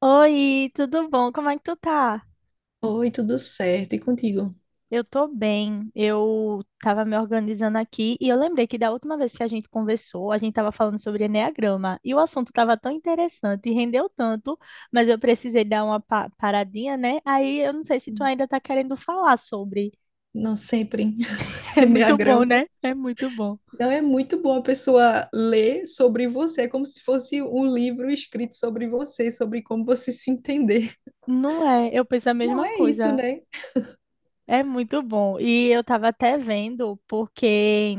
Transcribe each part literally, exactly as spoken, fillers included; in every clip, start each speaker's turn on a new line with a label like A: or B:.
A: Oi, tudo bom? Como é que tu tá?
B: Oi, tudo certo? E contigo?
A: Eu tô bem. Eu tava me organizando aqui e eu lembrei que da última vez que a gente conversou, a gente tava falando sobre eneagrama e o assunto tava tão interessante e rendeu tanto, mas eu precisei dar uma pa- paradinha, né? Aí eu não sei se tu ainda tá querendo falar sobre.
B: Não sempre.
A: É muito bom,
B: Eneagrama.
A: né? É muito bom.
B: Não é muito bom a pessoa ler sobre você, é como se fosse um livro escrito sobre você, sobre como você se entender.
A: Não é, eu penso a
B: Não
A: mesma
B: é isso,
A: coisa.
B: né?
A: É muito bom. E eu estava até vendo, porque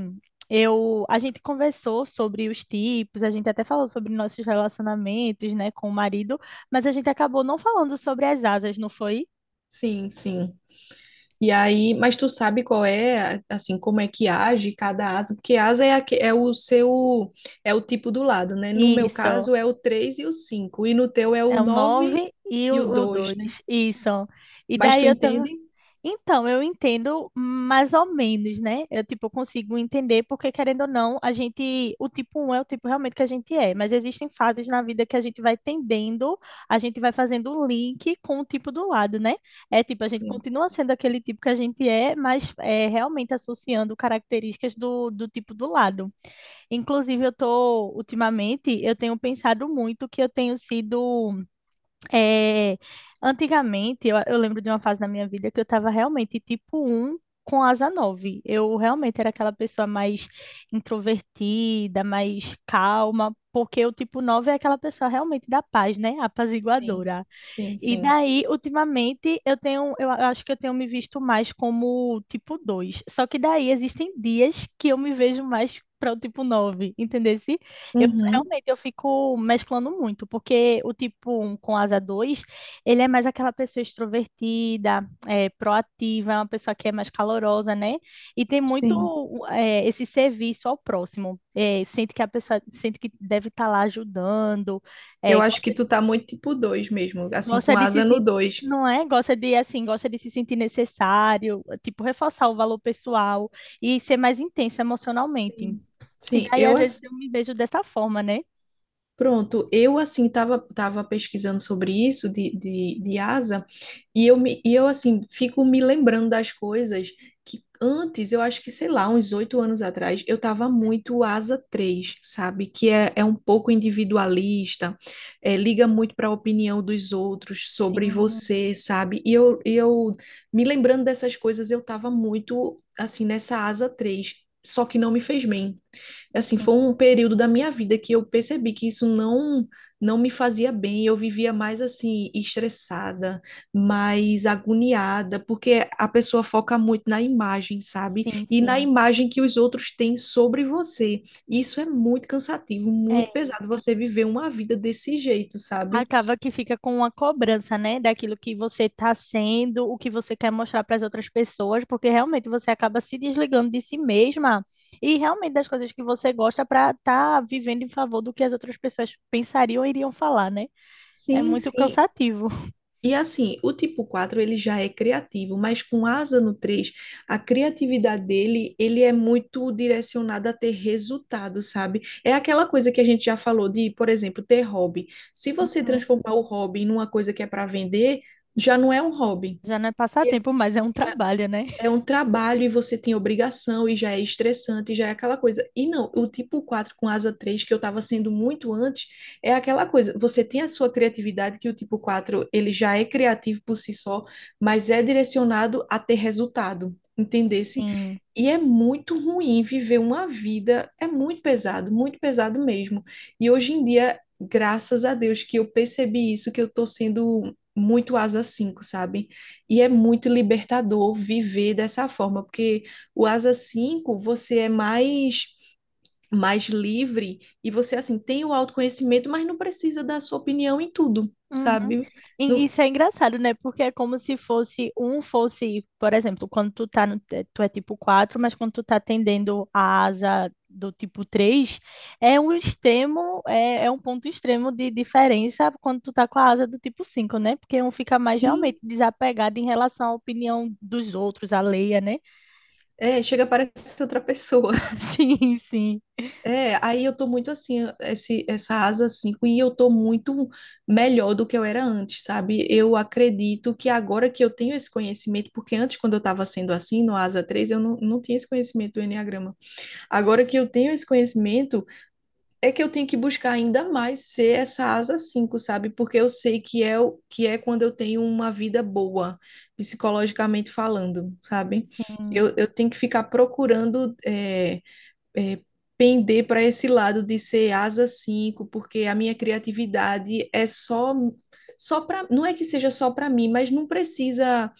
A: eu, a gente conversou sobre os tipos, a gente até falou sobre nossos relacionamentos, né, com o marido, mas a gente acabou não falando sobre as asas, não foi?
B: Sim, sim. E aí, mas tu sabe qual é, assim, como é que age cada asa? Porque asa é, aque- é o seu, é o tipo do lado, né? No meu
A: Isso.
B: caso é o três e o cinco e no teu é o
A: É o
B: nove
A: nove e
B: e o
A: o
B: dois, né?
A: dois. Isso. E
B: Mas
A: daí
B: tu
A: eu tava.
B: entende?
A: Então, eu entendo mais ou menos, né? Eu, tipo, consigo entender porque, querendo ou não, a gente, o tipo um é o tipo realmente que a gente é, mas existem fases na vida que a gente vai tendendo, a gente vai fazendo o link com o tipo do lado, né? É tipo, a gente
B: Sim,
A: continua sendo aquele tipo que a gente é, mas é realmente associando características do, do tipo do lado. Inclusive, eu tô, ultimamente, eu tenho pensado muito que eu tenho sido é, antigamente, eu, eu lembro de uma fase da minha vida que eu estava realmente tipo um com asa nove. Eu realmente era aquela pessoa mais introvertida, mais calma, porque o tipo nove é aquela pessoa realmente da paz, né?
B: sim,
A: Apaziguadora.
B: sim,
A: E
B: sim.
A: daí, ultimamente, eu tenho, eu a- acho que eu tenho me visto mais como tipo dois. Só que daí existem dias que eu me vejo mais para o tipo nove, entendeu? Eu
B: Uhum,
A: realmente eu fico mesclando muito, porque o tipo um com asa dois ele é mais aquela pessoa extrovertida, é, proativa, é uma pessoa que é mais calorosa, né? E tem muito
B: sim.
A: é, esse serviço ao próximo. É, sente que a pessoa sente que deve estar lá ajudando,
B: Eu
A: é,
B: acho que
A: gosta.
B: tu tá muito tipo dois mesmo, assim,
A: Gosta
B: com
A: de se
B: asa no
A: sentir,
B: dois.
A: não é? Gosta de, assim, gosta de se sentir necessário, tipo, reforçar o valor pessoal e ser mais intensa emocionalmente.
B: Sim.
A: E
B: Sim,
A: daí,
B: eu,
A: às vezes,
B: assim,
A: eu me vejo dessa forma, né?
B: pronto, eu assim tava, tava pesquisando sobre isso de, de, de asa e eu, me, e eu assim fico me lembrando das coisas que antes, eu acho que sei lá, uns oito anos atrás, eu tava muito asa três, sabe? Que é, é um pouco individualista, é, liga muito para a opinião dos outros sobre
A: Sim,
B: você, sabe? E eu, e eu me lembrando dessas coisas, eu tava muito assim nessa asa três, só que não me fez bem, assim,
A: sim,
B: foi um período da minha vida que eu percebi que isso não não me fazia bem, eu vivia mais assim estressada, mais agoniada, porque a pessoa foca muito na imagem, sabe?
A: sim,
B: E na
A: sim.
B: imagem que os outros têm sobre você. Isso é muito cansativo, muito
A: É,
B: pesado você viver uma vida desse jeito, sabe?
A: acaba que fica com uma cobrança, né, daquilo que você está sendo, o que você quer mostrar para as outras pessoas, porque realmente você acaba se desligando de si mesma e realmente das coisas que você gosta para estar vivendo em favor do que as outras pessoas pensariam ou iriam falar, né? É
B: Sim,
A: muito
B: sim.
A: cansativo.
B: E assim, o tipo quatro ele já é criativo, mas com asa no três, a criatividade dele, ele é muito direcionada a ter resultado, sabe? É aquela coisa que a gente já falou de, por exemplo, ter hobby. Se você
A: Uhum.
B: transformar o hobby numa coisa que é para vender, já não é um hobby,
A: Já não é passatempo, mas é um trabalho, né?
B: é um trabalho e você tem obrigação e já é estressante, e já é aquela coisa. E não, o tipo quatro com asa três que eu estava sendo muito antes, é aquela coisa. Você tem a sua criatividade, que o tipo quatro ele já é criativo por si só, mas é direcionado a ter resultado, entendesse?
A: Sim.
B: E é muito ruim viver uma vida, é muito pesado, muito pesado mesmo. E hoje em dia, graças a Deus que eu percebi isso, que eu tô sendo muito asa cinco, sabe? E é muito libertador viver dessa forma, porque o asa cinco você é mais, mais livre e você assim tem o autoconhecimento, mas não precisa dar sua opinião em tudo,
A: Uhum.
B: sabe?
A: E
B: Não,
A: isso é engraçado, né? Porque é como se fosse um fosse, por exemplo, quando tu tá no, te- tu é tipo quatro, mas quando tu tá atendendo a asa do tipo três, é um extremo, é, é um ponto extremo de diferença quando tu tá com a asa do tipo cinco, né? Porque um fica mais realmente
B: sim,
A: desapegado em relação à opinião dos outros, alheia, né?
B: é, chega parece ser outra pessoa.
A: Sim, sim.
B: É, aí eu tô muito assim, esse, essa asa cinco e eu tô muito melhor do que eu era antes, sabe? Eu acredito que agora que eu tenho esse conhecimento, porque antes, quando eu tava sendo assim, no asa três, eu não, não tinha esse conhecimento do Enneagrama. Agora que eu tenho esse conhecimento, é que eu tenho que buscar ainda mais ser essa asa cinco, sabe? Porque eu sei que é, o- que é quando eu tenho uma vida boa, psicologicamente falando, sabe?
A: Sim.
B: Eu, eu tenho que ficar procurando é, é, pender para esse lado de ser asa cinco, porque a minha criatividade é só. Só para, não é que seja só para mim, mas não precisa,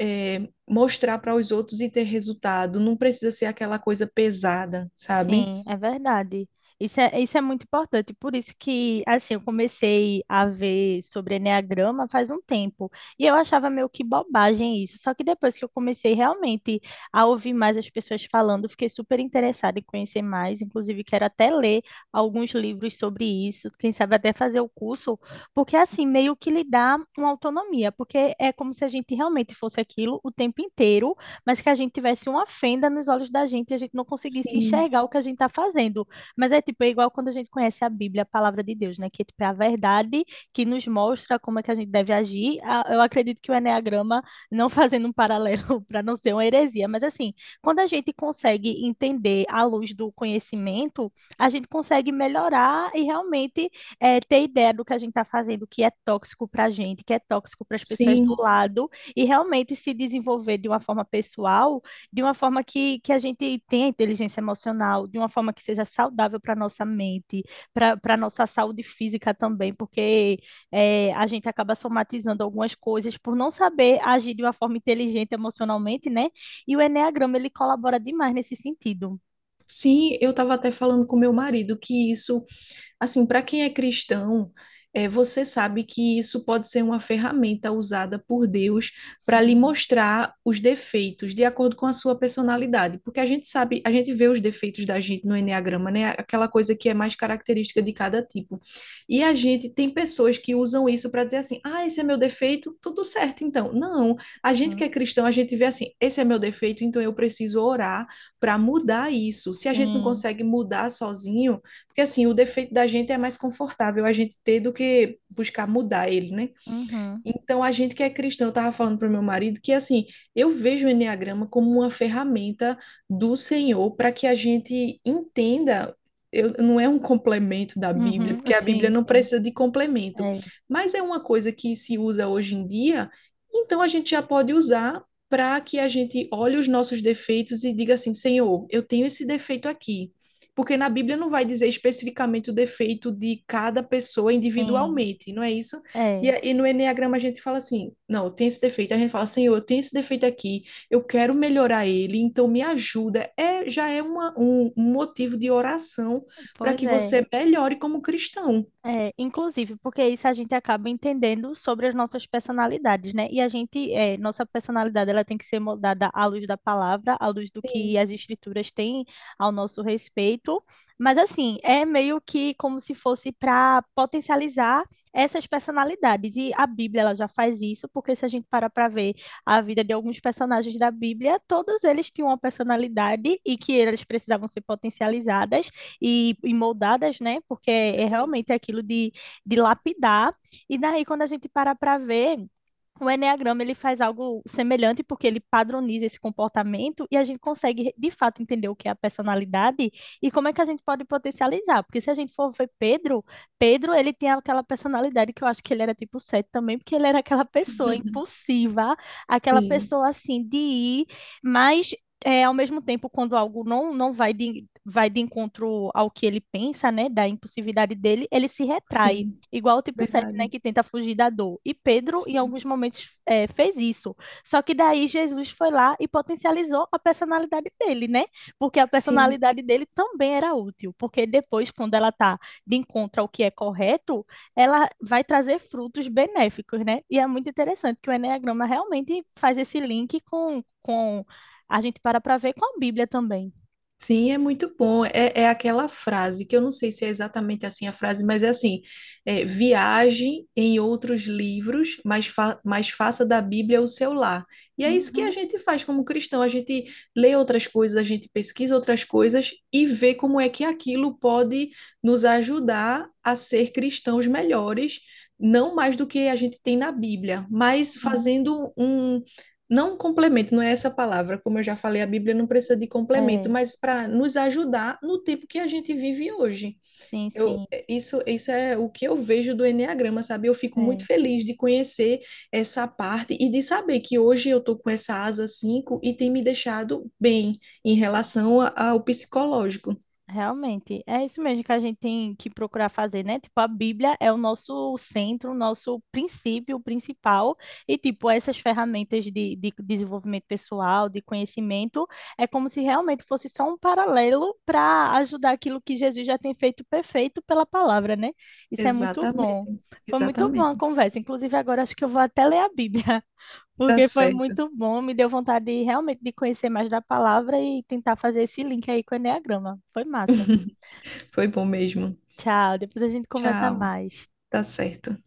B: é, mostrar para os outros e ter resultado, não precisa ser aquela coisa pesada, sabe?
A: Sim, é verdade. Isso é, isso é muito importante. Por isso que, assim, eu comecei a ver sobre enneagrama faz um tempo. E eu achava meio que bobagem isso. Só que depois que eu comecei realmente a ouvir mais as pessoas falando, eu fiquei super interessada em conhecer mais. Inclusive, quero até ler alguns livros sobre isso. Quem sabe até fazer o curso. Porque, assim, meio que lhe dá uma autonomia. Porque é como se a gente realmente fosse aquilo o tempo inteiro mas que a gente tivesse uma fenda nos olhos da gente e a gente não conseguisse
B: Sim,
A: enxergar o que a gente está fazendo. Mas é tipo, é igual quando a gente conhece a Bíblia, a palavra de Deus, né? Que é tipo, é a verdade que nos mostra como é que a gente deve agir. A- Eu acredito que o enneagrama, não fazendo um paralelo para não ser uma heresia, mas assim, quando a gente consegue entender à luz do conhecimento, a gente consegue melhorar e realmente eh, ter ideia do que a gente está fazendo, que é tóxico para a gente, que é tóxico para as pessoas do
B: sim,
A: lado e realmente se desenvolver de uma forma pessoal, de uma forma que, que a gente tenha inteligência emocional, de uma forma que seja saudável para a nossa mente, para para a nossa saúde física também, porque é, a gente acaba somatizando algumas coisas por não saber agir de uma forma inteligente emocionalmente, né? E o Eneagrama, ele colabora demais nesse sentido.
B: sim. Eu estava até falando com meu marido que isso, assim, para quem é cristão, é, você sabe que isso pode ser uma ferramenta usada por Deus para lhe
A: Sim,
B: mostrar os defeitos de acordo com a sua personalidade, porque a gente sabe, a gente vê os defeitos da gente no enneagrama, né? Aquela coisa que é mais característica de cada tipo. E a gente tem pessoas que usam isso para dizer assim: "Ah, esse é meu defeito, tudo certo então". Não, a gente que é cristão, a gente vê assim: "Esse é meu defeito, então eu preciso orar para mudar isso". Se a gente não
A: sim.
B: consegue mudar sozinho, porque assim, o defeito da gente é mais confortável a gente ter do que buscar mudar ele, né?
A: Uhum,
B: Então, a gente que é cristão, eu estava falando para o meu marido que, assim, eu vejo o Enneagrama como uma ferramenta do Senhor para que a gente entenda. Eu, não é um complemento da Bíblia,
A: uhum,
B: porque a Bíblia
A: sim,
B: não
A: sim.
B: precisa de complemento,
A: É,
B: mas é uma coisa que se usa hoje em dia, então a gente já pode usar para que a gente olhe os nossos defeitos e diga assim: Senhor, eu tenho esse defeito aqui. Porque na Bíblia não vai dizer especificamente o defeito de cada pessoa
A: sim,
B: individualmente, não é isso? E,
A: é.
B: a- e no Enneagrama a gente fala assim, não, eu tenho esse defeito. A gente fala, Senhor, eu tenho esse defeito aqui, eu quero melhorar ele, então me ajuda. É, já é uma, um, um motivo de oração para
A: Pois
B: que
A: é.
B: você melhore como cristão.
A: É, inclusive, porque isso a gente acaba entendendo sobre as nossas personalidades, né? E a gente, é, nossa personalidade, ela tem que ser moldada à luz da palavra, à luz do que
B: Sim,
A: as escrituras têm ao nosso respeito. Mas, assim, é meio que como se fosse para potencializar essas personalidades. E a Bíblia, ela já faz isso, porque se a gente parar para ver a vida de alguns personagens da Bíblia, todos eles tinham uma personalidade e que eles precisavam ser potencializadas e, e moldadas, né? Porque é
B: sim.
A: realmente aquilo de, de lapidar. E daí, quando a gente para para ver. O enneagrama ele faz algo semelhante porque ele padroniza esse comportamento e a gente consegue de fato entender o que é a personalidade e como é que a gente pode potencializar. Porque se a gente for ver Pedro, Pedro ele tinha aquela personalidade que eu acho que ele era tipo sete também, porque ele era aquela pessoa impulsiva, aquela
B: Sim,
A: pessoa assim de ir, mas é, ao mesmo tempo, quando algo não, não vai de, vai de encontro ao que ele pensa, né, da impulsividade dele, ele se retrai,
B: sim,
A: igual o tipo sete, né,
B: verdade.
A: que tenta fugir da dor. E Pedro, em
B: Sim,
A: alguns momentos, é, fez isso. Só que daí Jesus foi lá e potencializou a personalidade dele, né? Porque a
B: sim.
A: personalidade dele também era útil, porque depois, quando ela tá de encontro ao que é correto, ela vai trazer frutos benéficos, né? E é muito interessante que o Enneagrama realmente faz esse link com, com a gente para para ver com a Bíblia também.
B: Sim, é muito bom. É, é aquela frase que eu não sei se é exatamente assim a frase, mas é assim: é, viaje em outros livros, mas, fa mas faça da Bíblia o seu lar. E é isso que a
A: Uhum,
B: gente faz como cristão: a gente lê outras coisas, a gente pesquisa outras coisas e vê como é que aquilo pode nos ajudar a ser cristãos melhores, não mais do que a gente tem na Bíblia, mas
A: uhum.
B: fazendo um não complemento, não é essa palavra, como eu já falei, a Bíblia não precisa de complemento,
A: É,
B: mas para nos ajudar no tempo que a gente vive hoje.
A: sim,
B: Eu,
A: sim,
B: é, isso, isso é o que eu vejo do Enneagrama, sabe? Eu fico muito
A: é,
B: feliz de conhecer essa parte e de saber que hoje eu estou com essa asa cinco e tem me deixado bem em
A: sim,
B: relação a- ao psicológico.
A: realmente. É isso mesmo que a gente tem que procurar fazer, né? Tipo, a Bíblia é o nosso centro, o nosso princípio principal, e tipo, essas ferramentas de, de desenvolvimento pessoal, de conhecimento, é como se realmente fosse só um paralelo para ajudar aquilo que Jesus já tem feito perfeito pela palavra, né? Isso é muito bom.
B: Exatamente,
A: Foi muito boa a
B: exatamente.
A: conversa. Inclusive, agora acho que eu vou até ler a Bíblia.
B: Tá
A: Porque foi
B: certo.
A: muito bom, me deu vontade de, realmente de conhecer mais da palavra e tentar fazer esse link aí com o Eneagrama. Foi massa.
B: Foi bom mesmo.
A: Tchau, depois a gente conversa
B: Tchau.
A: mais.
B: Tá certo.